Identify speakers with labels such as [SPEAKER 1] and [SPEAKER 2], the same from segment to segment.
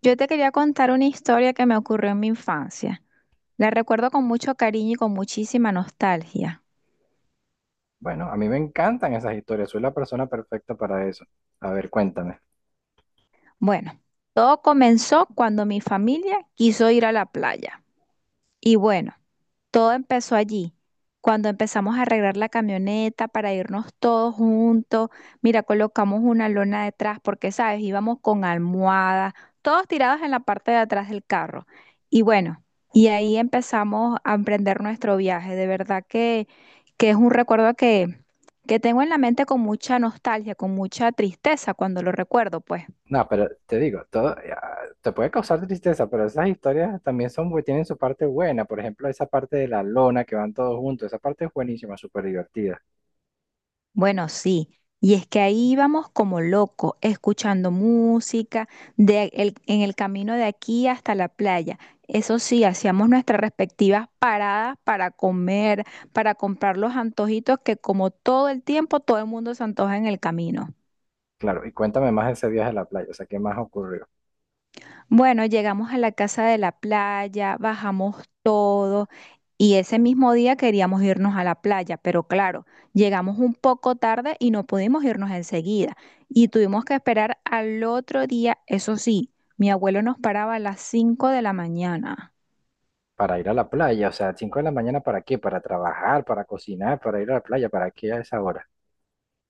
[SPEAKER 1] Yo te quería contar una historia que me ocurrió en mi infancia. La recuerdo con mucho cariño y con muchísima nostalgia.
[SPEAKER 2] Bueno, a mí me encantan esas historias, soy la persona perfecta para eso. A ver, cuéntame.
[SPEAKER 1] Bueno, todo comenzó cuando mi familia quiso ir a la playa. Y bueno, todo empezó allí, cuando empezamos a arreglar la camioneta para irnos todos juntos. Mira, colocamos una lona detrás porque, sabes, íbamos con almohadas, todos tirados en la parte de atrás del carro. Y bueno, y ahí empezamos a emprender nuestro viaje. De verdad que es un recuerdo que tengo en la mente con mucha nostalgia, con mucha tristeza cuando lo recuerdo, pues.
[SPEAKER 2] No, pero te digo, todo ya, te puede causar tristeza, pero esas historias también son, tienen su parte buena. Por ejemplo, esa parte de la lona que van todos juntos, esa parte es buenísima, súper divertida.
[SPEAKER 1] Bueno, sí. Y es que ahí íbamos como locos, escuchando música en el camino de aquí hasta la playa. Eso sí, hacíamos nuestras respectivas paradas para comer, para comprar los antojitos que como todo el tiempo todo el mundo se antoja en el camino.
[SPEAKER 2] Claro, y cuéntame más de ese viaje a la playa, o sea, ¿qué más ocurrió?
[SPEAKER 1] Bueno, llegamos a la casa de la playa, bajamos todo, y ese mismo día queríamos irnos a la playa, pero claro, llegamos un poco tarde y no pudimos irnos enseguida. Y tuvimos que esperar al otro día, eso sí, mi abuelo nos paraba a las 5 de la mañana.
[SPEAKER 2] Para ir a la playa, o sea, 5:00 de la mañana, ¿para qué? Para trabajar, para cocinar, para ir a la playa, ¿para qué a esa hora?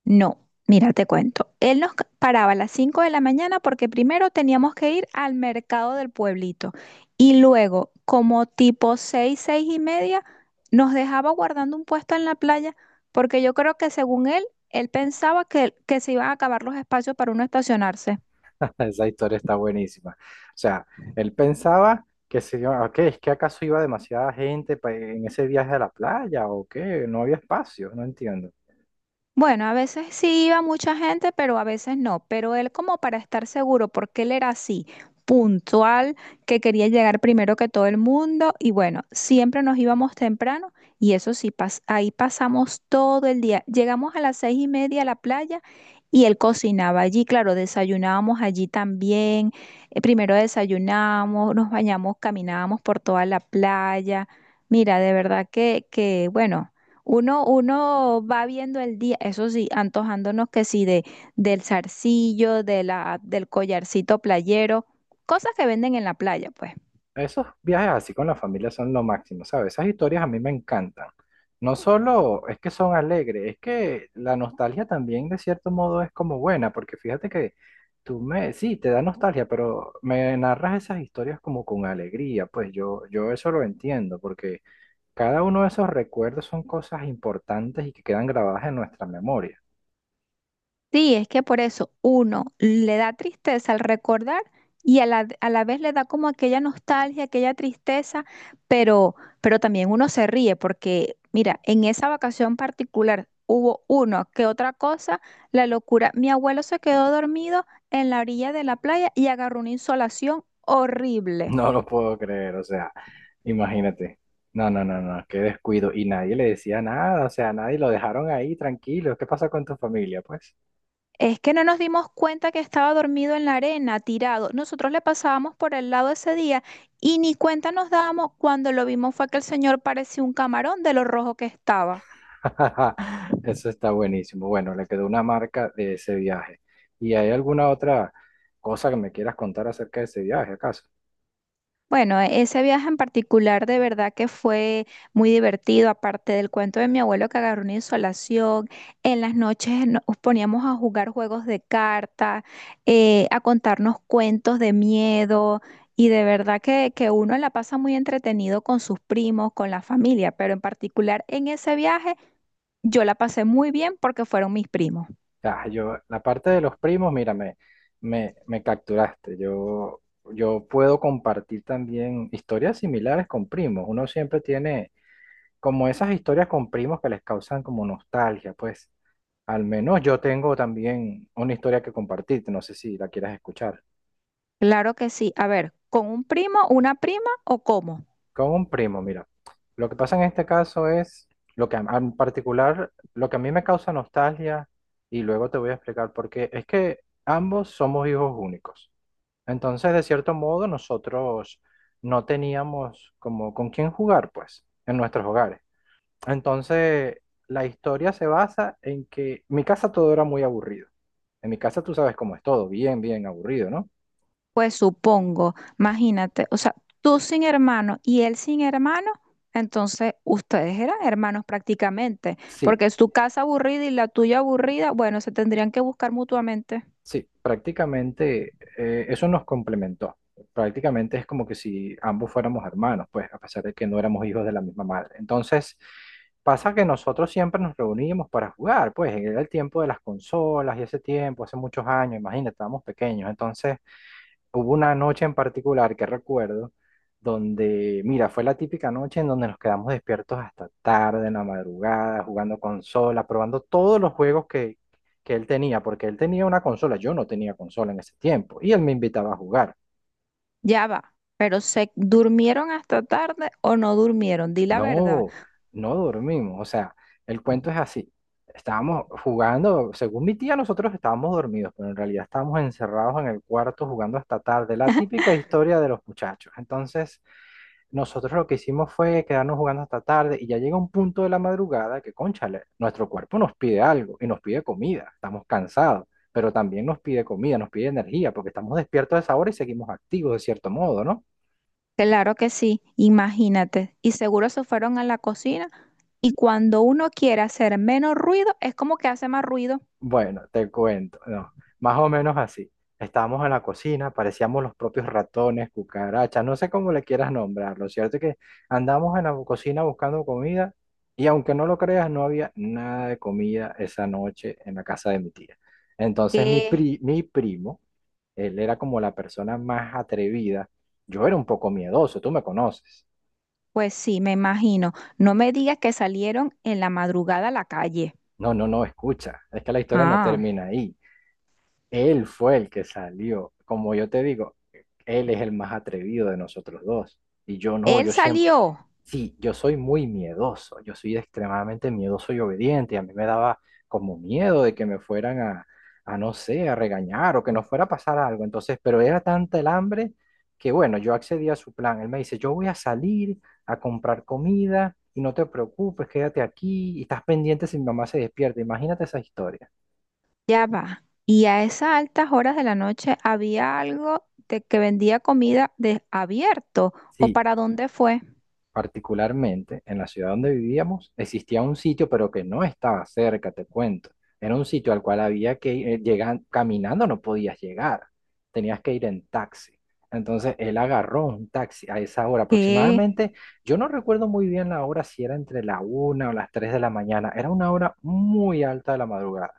[SPEAKER 1] No, mira, te cuento. Él nos paraba a las 5 de la mañana porque primero teníamos que ir al mercado del pueblito y luego, como tipo 6, 6:30, nos dejaba guardando un puesto en la playa porque yo creo que según él, él pensaba que se iban a acabar los espacios para uno estacionarse.
[SPEAKER 2] Esa historia está buenísima. O sea, él pensaba que se iba, ok, es que acaso iba demasiada gente en ese viaje a la playa o qué, no había espacio, no entiendo.
[SPEAKER 1] Bueno, a veces sí iba mucha gente, pero a veces no. Pero él como para estar seguro, porque él era así, puntual, que quería llegar primero que todo el mundo. Y bueno, siempre nos íbamos temprano y eso sí, ahí pasamos todo el día. Llegamos a las 6:30 a la playa y él cocinaba allí. Claro, desayunábamos allí también. Primero desayunamos, nos bañamos, caminábamos por toda la playa. Mira, de verdad bueno. Uno va viendo el día, eso sí, antojándonos que sí, del zarcillo, del collarcito playero, cosas que venden en la playa, pues.
[SPEAKER 2] Esos viajes así con la familia son lo máximo, ¿sabes? Esas historias a mí me encantan. No solo es que son alegres, es que la nostalgia también de cierto modo es como buena, porque fíjate que tú me, sí, te da nostalgia, pero me narras esas historias como con alegría, pues yo eso lo entiendo, porque... Cada uno de esos recuerdos son cosas importantes y que quedan grabadas en nuestra memoria.
[SPEAKER 1] Sí, es que por eso uno le da tristeza al recordar y a la vez le da como aquella nostalgia, aquella tristeza, pero, pero también uno se ríe porque, mira, en esa vacación particular hubo uno que otra cosa, la locura. Mi abuelo se quedó dormido en la orilla de la playa y agarró una insolación horrible.
[SPEAKER 2] No lo puedo creer, o sea, imagínate. No, no, no, no, qué descuido. Y nadie le decía nada, o sea, nadie lo dejaron ahí tranquilo. ¿Qué pasa con tu familia, pues?
[SPEAKER 1] Es que no nos dimos cuenta que estaba dormido en la arena, tirado. Nosotros le pasábamos por el lado ese día y ni cuenta nos dábamos cuando lo vimos fue que el señor parecía un camarón de lo rojo que estaba.
[SPEAKER 2] Eso está buenísimo. Bueno, le quedó una marca de ese viaje. ¿Y hay alguna otra cosa que me quieras contar acerca de ese viaje, acaso?
[SPEAKER 1] Bueno, ese viaje en particular de verdad que fue muy divertido, aparte del cuento de mi abuelo que agarró una insolación, en las noches nos poníamos a jugar juegos de carta, a contarnos cuentos de miedo y de verdad que uno la pasa muy entretenido con sus primos, con la familia, pero en particular en ese viaje yo la pasé muy bien porque fueron mis primos.
[SPEAKER 2] Ah, yo, la parte de los primos, mírame, me capturaste. Yo puedo compartir también historias similares con primos. Uno siempre tiene como esas historias con primos que les causan como nostalgia, pues. Al menos yo tengo también una historia que compartirte, no sé si la quieras escuchar.
[SPEAKER 1] Claro que sí, a ver, ¿con un primo, una prima o cómo?
[SPEAKER 2] Con un primo, mira. Lo que pasa en este caso es lo que en particular, lo que a mí me causa nostalgia, y luego te voy a explicar por qué, es que ambos somos hijos únicos. Entonces, de cierto modo, nosotros no teníamos como con quién jugar, pues, en nuestros hogares. Entonces, la historia se basa en que en mi casa todo era muy aburrido. En mi casa tú sabes cómo es todo, bien, bien aburrido, ¿no?
[SPEAKER 1] Pues supongo, imagínate, o sea, tú sin hermano y él sin hermano, entonces ustedes eran hermanos prácticamente,
[SPEAKER 2] Sí.
[SPEAKER 1] porque es tu casa aburrida y la tuya aburrida, bueno, se tendrían que buscar mutuamente.
[SPEAKER 2] Sí, prácticamente eso nos complementó. Prácticamente es como que si ambos fuéramos hermanos, pues a pesar de que no éramos hijos de la misma madre. Entonces, pasa que nosotros siempre nos reuníamos para jugar, pues era el tiempo de las consolas y ese tiempo, hace muchos años, imagínate, estábamos pequeños. Entonces, hubo una noche en particular que recuerdo donde, mira, fue la típica noche en donde nos quedamos despiertos hasta tarde, en la madrugada, jugando consola, probando todos los juegos que él tenía, porque él tenía una consola, yo no tenía consola en ese tiempo, y él me invitaba a jugar.
[SPEAKER 1] Ya va, pero ¿se durmieron hasta tarde o no durmieron? Di la verdad.
[SPEAKER 2] No, no dormimos, o sea, el cuento es así. Estábamos jugando, según mi tía, nosotros estábamos dormidos, pero en realidad estábamos encerrados en el cuarto jugando hasta tarde, la típica historia de los muchachos. Entonces... Nosotros lo que hicimos fue quedarnos jugando hasta tarde y ya llega un punto de la madrugada que, cónchale, nuestro cuerpo nos pide algo y nos pide comida, estamos cansados, pero también nos pide comida, nos pide energía, porque estamos despiertos a esa hora y seguimos activos de cierto modo, ¿no?
[SPEAKER 1] Claro que sí, imagínate. Y seguro se fueron a la cocina y cuando uno quiere hacer menos ruido, es como que hace más ruido.
[SPEAKER 2] Bueno, te cuento, no, más o menos así. Estábamos en la cocina, parecíamos los propios ratones, cucarachas, no sé cómo le quieras nombrar. Lo cierto es que andamos en la cocina buscando comida y aunque no lo creas, no había nada de comida esa noche en la casa de mi tía. Entonces
[SPEAKER 1] ¿Qué?
[SPEAKER 2] mi primo, él era como la persona más atrevida. Yo era un poco miedoso, tú me conoces.
[SPEAKER 1] Pues sí, me imagino. No me digas que salieron en la madrugada a la calle.
[SPEAKER 2] No, no, no, escucha, es que la historia no
[SPEAKER 1] Ah,
[SPEAKER 2] termina ahí. Él fue el que salió. Como yo te digo, él es el más atrevido de nosotros dos. Y yo no,
[SPEAKER 1] él
[SPEAKER 2] yo siempre,
[SPEAKER 1] salió.
[SPEAKER 2] sí, yo soy muy miedoso. Yo soy extremadamente miedoso y obediente. Y a mí me daba como miedo de que me fueran a no sé, a regañar o que nos fuera a pasar algo. Entonces, pero era tanta el hambre que bueno, yo accedí a su plan. Él me dice, yo voy a salir a comprar comida y no te preocupes, quédate aquí y estás pendiente si mi mamá se despierta. Imagínate esa historia.
[SPEAKER 1] Ya va. Y a esas altas horas de la noche había algo de que vendía comida de abierto. ¿O
[SPEAKER 2] Sí,
[SPEAKER 1] para dónde fue?
[SPEAKER 2] particularmente en la ciudad donde vivíamos, existía un sitio, pero que no estaba cerca, te cuento. Era un sitio al cual había que ir, llegar, caminando no podías llegar, tenías que ir en taxi. Entonces él agarró un taxi a esa hora
[SPEAKER 1] Que
[SPEAKER 2] aproximadamente, yo no recuerdo muy bien la hora, si era entre la una o las tres de la mañana, era una hora muy alta de la madrugada.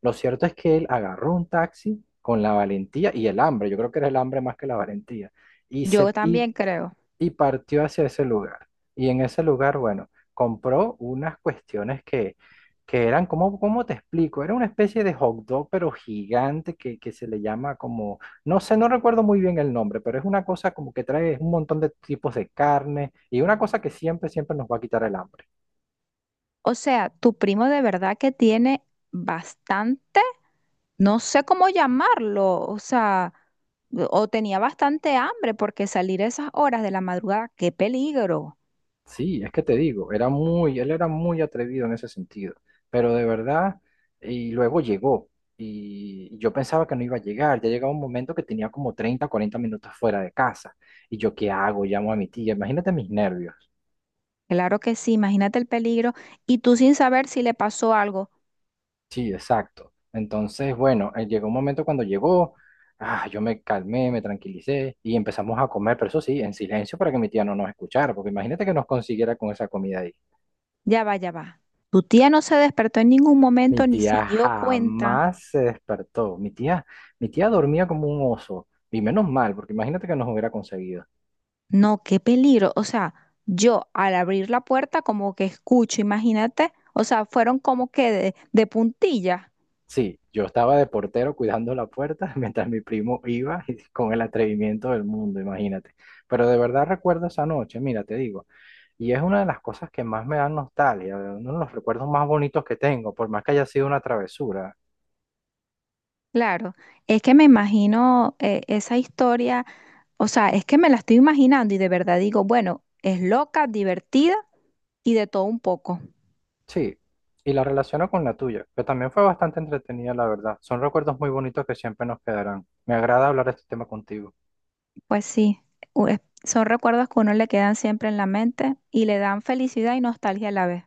[SPEAKER 2] Lo cierto es que él agarró un taxi con la valentía y el hambre, yo creo que era el hambre más que la valentía y se
[SPEAKER 1] yo también creo.
[SPEAKER 2] y partió hacia ese lugar. Y en ese lugar, bueno, compró unas cuestiones que eran, ¿cómo te explico? Era una especie de hot dog, pero gigante, que se le llama como, no sé, no recuerdo muy bien el nombre, pero es una cosa como que trae un montón de tipos de carne y una cosa que siempre, siempre nos va a quitar el hambre.
[SPEAKER 1] O sea, tu primo de verdad que tiene bastante, no sé cómo llamarlo, o sea, o tenía bastante hambre porque salir a esas horas de la madrugada, qué peligro.
[SPEAKER 2] Sí, es que te digo, era muy, él era muy atrevido en ese sentido, pero de verdad, y luego llegó, y yo pensaba que no iba a llegar, ya llegaba un momento que tenía como 30, 40 minutos fuera de casa, y yo, ¿qué hago? Llamo a mi tía, imagínate mis nervios.
[SPEAKER 1] Claro que sí, imagínate el peligro y tú sin saber si le pasó algo.
[SPEAKER 2] Sí, exacto. Entonces, bueno, llegó un momento cuando llegó, ah, yo me calmé, me tranquilicé, y empezamos a comer, pero eso sí, en silencio para que mi tía no nos escuchara, porque imagínate que nos consiguiera con esa comida ahí.
[SPEAKER 1] Ya va, ya va. Tu tía no se despertó en ningún
[SPEAKER 2] Mi
[SPEAKER 1] momento ni
[SPEAKER 2] tía
[SPEAKER 1] se dio cuenta.
[SPEAKER 2] jamás se despertó. Mi tía dormía como un oso. Y menos mal, porque imagínate que nos hubiera conseguido.
[SPEAKER 1] No, qué peligro. O sea, yo al abrir la puerta como que escucho, imagínate. O sea, fueron como que de puntilla.
[SPEAKER 2] Sí, yo estaba de portero cuidando la puerta mientras mi primo iba y con el atrevimiento del mundo, imagínate. Pero de verdad recuerdo esa noche, mira, te digo. Y es una de las cosas que más me dan nostalgia, uno de los recuerdos más bonitos que tengo, por más que haya sido una travesura.
[SPEAKER 1] Claro, es que me imagino esa historia. O sea, es que me la estoy imaginando y de verdad digo, bueno, es loca, divertida y de todo un poco.
[SPEAKER 2] Sí, y la relaciono con la tuya, que también fue bastante entretenida, la verdad. Son recuerdos muy bonitos que siempre nos quedarán. Me agrada hablar de este tema contigo.
[SPEAKER 1] Pues sí, son recuerdos que a uno le quedan siempre en la mente y le dan felicidad y nostalgia a la vez.